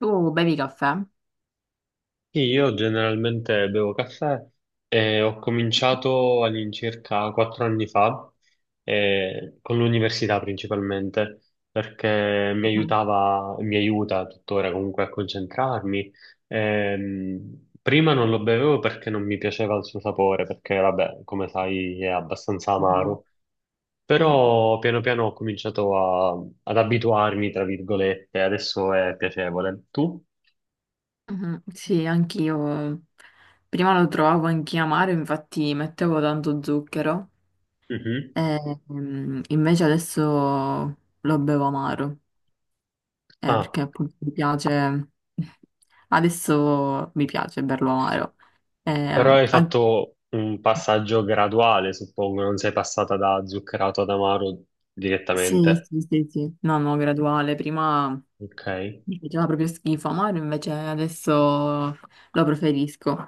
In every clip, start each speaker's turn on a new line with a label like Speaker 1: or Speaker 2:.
Speaker 1: Tu bevi caffè?
Speaker 2: Sì, io generalmente bevo caffè e ho cominciato all'incirca 4 anni fa, con l'università principalmente, perché mi
Speaker 1: Mhm,
Speaker 2: aiutava, mi aiuta tuttora comunque a concentrarmi. Prima non lo bevevo perché non mi piaceva il suo sapore, perché vabbè, come sai, è abbastanza
Speaker 1: mhm,
Speaker 2: amaro.
Speaker 1: sì,
Speaker 2: Però piano piano ho cominciato ad abituarmi, tra virgolette, adesso è piacevole. Tu?
Speaker 1: mhm, sì, anch'io. Prima lo trovavo anche amaro, infatti mettevo tanto zucchero.
Speaker 2: Mhm.
Speaker 1: E, invece adesso lo bevo amaro, perché appunto mi piace. Adesso mi piace berlo amaro. Eh,
Speaker 2: Però hai
Speaker 1: an-
Speaker 2: fatto un passaggio graduale, suppongo, non sei passata da zuccherato ad amaro
Speaker 1: sì,
Speaker 2: direttamente.
Speaker 1: sì, sì, sì. No, no, graduale. Prima.
Speaker 2: Ok?
Speaker 1: Mi faceva proprio schifo, amaro invece adesso lo preferisco.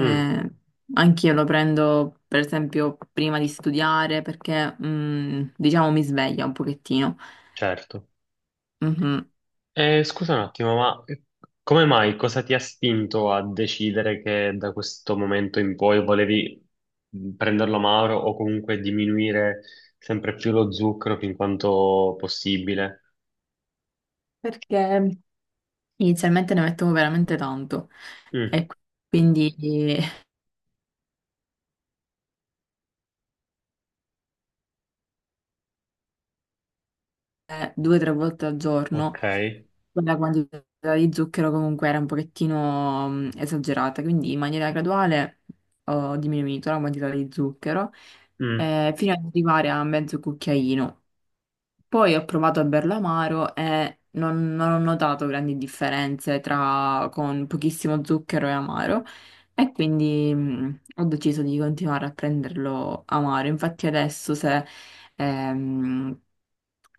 Speaker 2: Mm,
Speaker 1: anch'io lo prendo per esempio prima di studiare perché diciamo mi sveglia un pochettino.
Speaker 2: certo.
Speaker 1: Mhm.
Speaker 2: E scusa un attimo, ma come mai, cosa ti ha spinto a decidere che da questo momento in poi volevi prenderlo amaro o comunque diminuire sempre più lo zucchero fin quanto possibile?
Speaker 1: Perché inizialmente ne mettevo veramente tanto
Speaker 2: Mm,
Speaker 1: e quindi due o tre volte al giorno.
Speaker 2: ok.
Speaker 1: La quantità di zucchero comunque era un pochettino esagerata, quindi in maniera graduale ho diminuito la quantità di zucchero
Speaker 2: Mm,
Speaker 1: fino ad arrivare a mezzo cucchiaino. Poi ho provato a berlo amaro e non ho notato grandi differenze tra con pochissimo zucchero e amaro e quindi ho deciso di continuare a prenderlo amaro. Infatti adesso se... Ehm,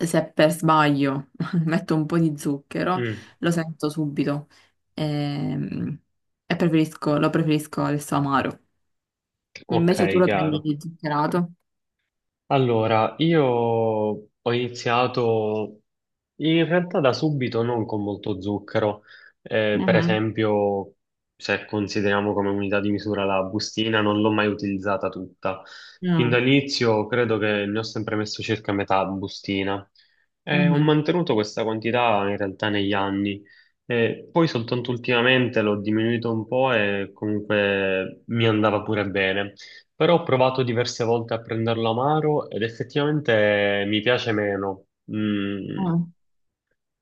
Speaker 1: Se per sbaglio metto un po' di zucchero,
Speaker 2: mm,
Speaker 1: lo sento subito ehm, e, lo preferisco adesso amaro.
Speaker 2: ok,
Speaker 1: Invece tu lo prendi
Speaker 2: chiaro.
Speaker 1: zuccherato?
Speaker 2: Allora, io ho iniziato in realtà da subito, non con molto zucchero. Per
Speaker 1: Mhm,
Speaker 2: esempio, se consideriamo come unità di misura la bustina, non l'ho mai utilizzata tutta. Fin
Speaker 1: mm,
Speaker 2: dall'inizio credo che ne ho sempre messo circa metà bustina. Ho
Speaker 1: mhm,
Speaker 2: mantenuto questa quantità in realtà negli anni. Poi soltanto ultimamente l'ho diminuito un po' e comunque mi andava pure bene, però ho provato diverse volte a prenderlo amaro ed effettivamente mi piace meno. Mm.
Speaker 1: mm,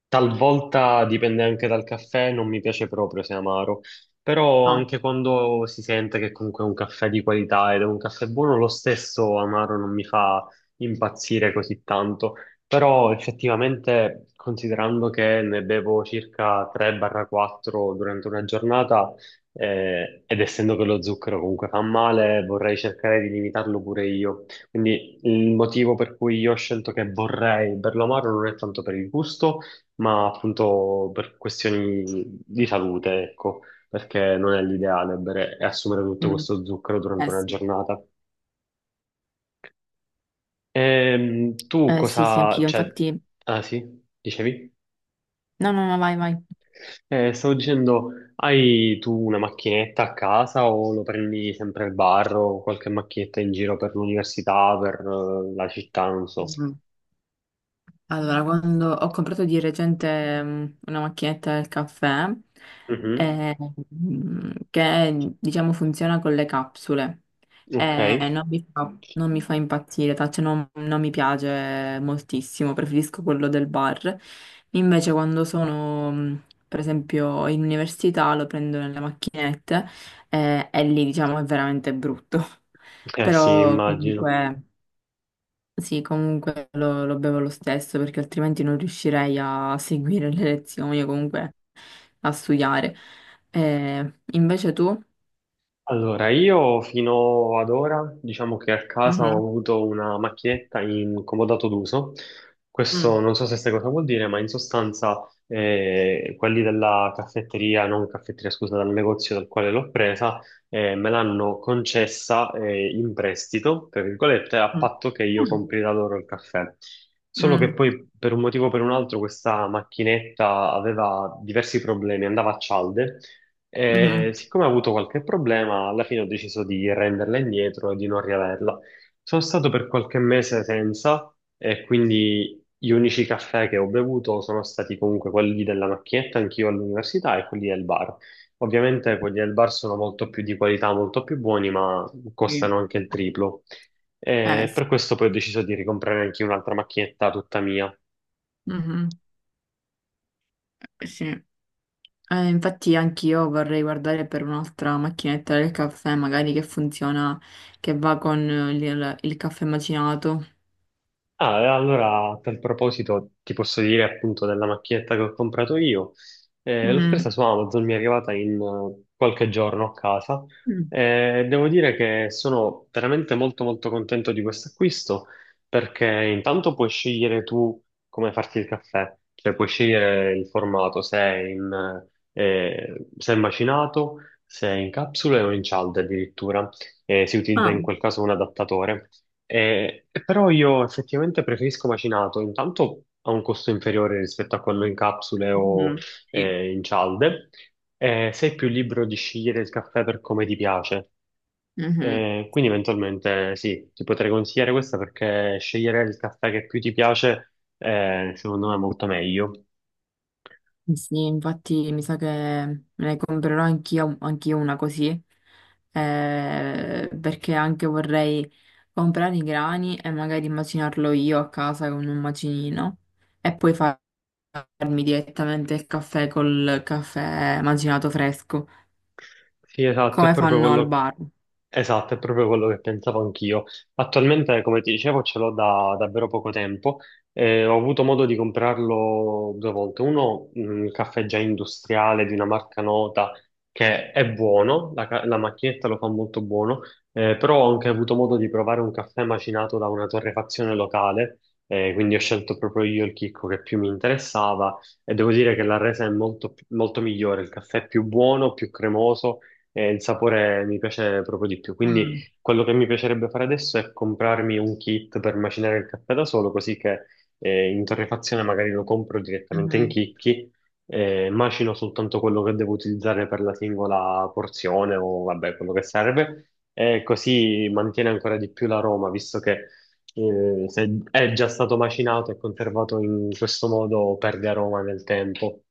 Speaker 2: Talvolta dipende anche dal caffè, non mi piace proprio se è amaro, però
Speaker 1: no,
Speaker 2: anche quando si sente che comunque è un caffè di qualità ed è un caffè buono, lo stesso amaro non mi fa impazzire così tanto. Però effettivamente, considerando che ne bevo circa 3-4 durante una giornata, ed essendo che lo zucchero comunque fa male, vorrei cercare di limitarlo pure io. Quindi il motivo per cui io ho scelto che vorrei berlo amaro non è tanto per il gusto ma appunto per questioni di salute, ecco, perché non è l'ideale bere e assumere tutto
Speaker 1: mm.
Speaker 2: questo zucchero durante
Speaker 1: Eh
Speaker 2: una
Speaker 1: sì.
Speaker 2: giornata. Tu
Speaker 1: Eh sì, sì,
Speaker 2: cosa,
Speaker 1: anch'io,
Speaker 2: cioè,
Speaker 1: infatti.
Speaker 2: ah sì, dicevi?
Speaker 1: No, no, no, vai,
Speaker 2: Stavo dicendo, hai tu una macchinetta a casa o lo prendi sempre al bar o qualche macchinetta in giro per l'università, per la città, non so.
Speaker 1: vai. Allora, quando ho comprato di recente una macchinetta del caffè,
Speaker 2: Mhm.
Speaker 1: eh, che diciamo funziona con le capsule,
Speaker 2: Ok, eh
Speaker 1: non mi fa impazzire, cioè non mi piace moltissimo, preferisco quello del bar. Invece quando sono, per esempio, in università lo prendo nelle macchinette, e lì diciamo è veramente brutto.
Speaker 2: sì,
Speaker 1: Però
Speaker 2: immagino.
Speaker 1: comunque... Sì, comunque lo bevo lo stesso perché altrimenti non riuscirei a seguire le lezioni o comunque a studiare. Invece tu?
Speaker 2: Allora, io fino ad ora, diciamo che a casa ho
Speaker 1: Mhm,
Speaker 2: avuto una macchinetta in comodato d'uso. Questo
Speaker 1: mm,
Speaker 2: non so se sai cosa vuol dire, ma in sostanza quelli della caffetteria, non caffetteria, scusa, dal negozio dal quale l'ho presa, me l'hanno concessa in prestito, tra virgolette, a
Speaker 1: mm,
Speaker 2: patto che io
Speaker 1: mm,
Speaker 2: compri da loro il caffè. Solo che
Speaker 1: mm,
Speaker 2: poi, per un motivo o per un altro, questa macchinetta aveva diversi problemi, andava a cialde e
Speaker 1: mhm,
Speaker 2: siccome ho avuto qualche problema, alla fine ho deciso di renderla indietro e di non riaverla. Sono stato per qualche mese senza e quindi gli unici caffè che ho bevuto sono stati comunque quelli della macchinetta, anch'io all'università, e quelli del bar. Ovviamente quelli del bar sono molto più di qualità, molto più buoni, ma
Speaker 1: sì.
Speaker 2: costano anche il triplo.
Speaker 1: Eh
Speaker 2: E
Speaker 1: sì.
Speaker 2: per questo poi ho deciso di ricomprare anche un'altra macchinetta tutta mia.
Speaker 1: Mhm, sì. Infatti anch'io vorrei guardare per un'altra macchinetta del caffè, magari che funziona, che va con il caffè macinato.
Speaker 2: Ah, e allora a tal proposito ti posso dire appunto della macchinetta che ho comprato io. L'ho presa
Speaker 1: Mm,
Speaker 2: su Amazon, mi è arrivata in qualche giorno a casa.
Speaker 1: mm.
Speaker 2: Devo dire che sono veramente molto molto contento di questo acquisto perché intanto puoi scegliere tu come farti il caffè, cioè puoi scegliere il formato, se è in, se è macinato, se è in capsule o in cialde addirittura. Si utilizza
Speaker 1: Ah.
Speaker 2: in quel caso un adattatore però io effettivamente preferisco macinato, intanto ha un costo inferiore rispetto a quello in capsule o
Speaker 1: Mhm, sì.
Speaker 2: in cialde. Sei più libero di scegliere il caffè per come ti piace.
Speaker 1: Mhm.
Speaker 2: Quindi eventualmente sì, ti potrei consigliare questa perché scegliere il caffè che più ti piace secondo me è molto meglio.
Speaker 1: Sì, sì, infatti mi sa che me ne comprerò anch'io una così, perché anche vorrei comprare i grani e magari immacinarlo io a casa con un macinino e poi farmi direttamente il caffè col caffè macinato fresco,
Speaker 2: Sì, esatto, è
Speaker 1: come
Speaker 2: proprio
Speaker 1: fanno al
Speaker 2: quello,
Speaker 1: bar.
Speaker 2: esatto, è proprio quello che pensavo anch'io. Attualmente, come ti dicevo, ce l'ho da davvero poco tempo. Ho avuto modo di comprarlo due volte. Uno, un caffè già industriale di una marca nota che è buono, la macchinetta lo fa molto buono, però ho anche avuto modo di provare un caffè macinato da una torrefazione locale, quindi ho scelto proprio io il chicco che più mi interessava e devo dire che la resa è molto molto migliore, il caffè è più buono, più cremoso e il sapore mi piace proprio di più. Quindi
Speaker 1: Mm,
Speaker 2: quello che mi piacerebbe fare adesso è comprarmi un kit per macinare il caffè da solo, così che in torrefazione magari lo compro direttamente in
Speaker 1: mhm.
Speaker 2: chicchi, macino soltanto quello che devo utilizzare per la singola porzione o vabbè, quello che serve, e così mantiene ancora di più l'aroma, visto che se è già stato macinato e conservato in questo modo perde aroma nel tempo.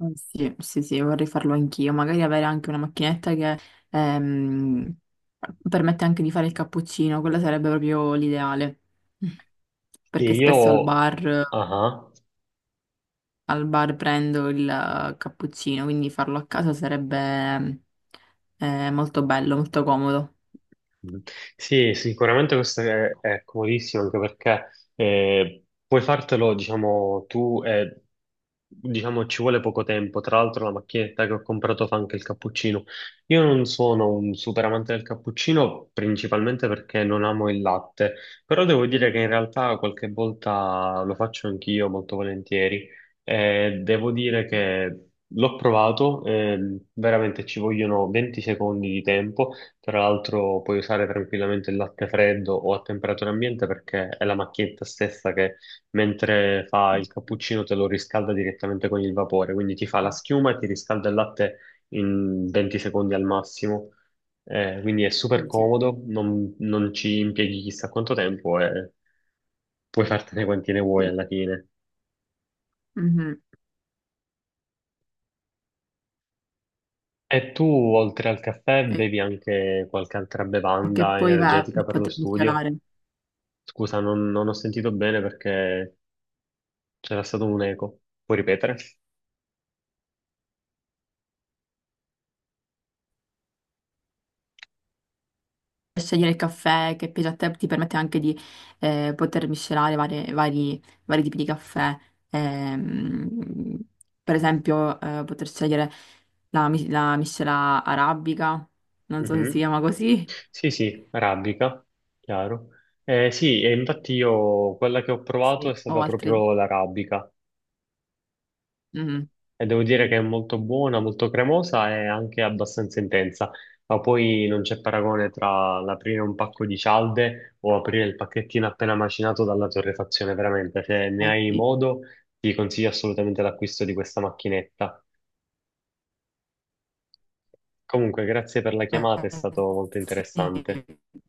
Speaker 1: Sì, sì, sì, vorrei farlo anch'io. Magari avere anche una macchinetta che ehm, permette anche di fare il cappuccino, quella sarebbe proprio l'ideale.
Speaker 2: Sì,
Speaker 1: Perché spesso
Speaker 2: ah ah.
Speaker 1: al bar prendo il cappuccino, quindi farlo a casa sarebbe molto bello, molto comodo.
Speaker 2: Mm. Sì, sicuramente questo è comodissimo anche perché puoi fartelo, diciamo, tu e diciamo ci vuole poco tempo. Tra l'altro la macchinetta che ho comprato fa anche il cappuccino. Io non sono un super amante del cappuccino, principalmente perché non amo il latte, però devo dire che in realtà qualche volta lo faccio anch'io molto volentieri. Devo dire che l'ho provato, veramente ci vogliono 20 secondi di tempo. Tra l'altro puoi usare tranquillamente il latte freddo o a temperatura ambiente perché è la macchinetta stessa che mentre fa il cappuccino te lo riscalda direttamente con il vapore, quindi ti fa
Speaker 1: Sì,
Speaker 2: la schiuma e ti riscalda il latte in 20 secondi al massimo. Quindi è super
Speaker 1: sì.
Speaker 2: comodo, non ci impieghi chissà quanto tempo e puoi fartene quanti ne vuoi
Speaker 1: Sì.
Speaker 2: alla fine.
Speaker 1: Mhm.
Speaker 2: E tu, oltre al caffè,
Speaker 1: E
Speaker 2: bevi anche qualche altra
Speaker 1: e che
Speaker 2: bevanda
Speaker 1: poi va,
Speaker 2: energetica per lo
Speaker 1: poter
Speaker 2: studio?
Speaker 1: celare.
Speaker 2: Scusa, non ho sentito bene perché c'era stato un eco. Puoi ripetere?
Speaker 1: Scegliere il caffè che piace a te, ti permette anche di poter miscelare vari, vari tipi di caffè. Ehm, per esempio, poter scegliere la miscela arabica, non so se si
Speaker 2: Mhm.
Speaker 1: chiama così,
Speaker 2: Sì, sì, arabica, chiaro. Sì, e infatti io quella che ho provato è
Speaker 1: sì, o
Speaker 2: stata
Speaker 1: altri.
Speaker 2: proprio l'arabica
Speaker 1: Mm,
Speaker 2: e devo dire che è molto buona, molto cremosa e anche abbastanza intensa, ma poi non c'è paragone tra l'aprire un pacco di cialde o aprire il pacchettino appena macinato dalla torrefazione, veramente, se ne
Speaker 1: eh
Speaker 2: hai
Speaker 1: sì.
Speaker 2: modo ti consiglio assolutamente l'acquisto di questa macchinetta. Comunque, grazie per la chiamata, è stato
Speaker 1: Eh,
Speaker 2: molto
Speaker 1: sì.
Speaker 2: interessante.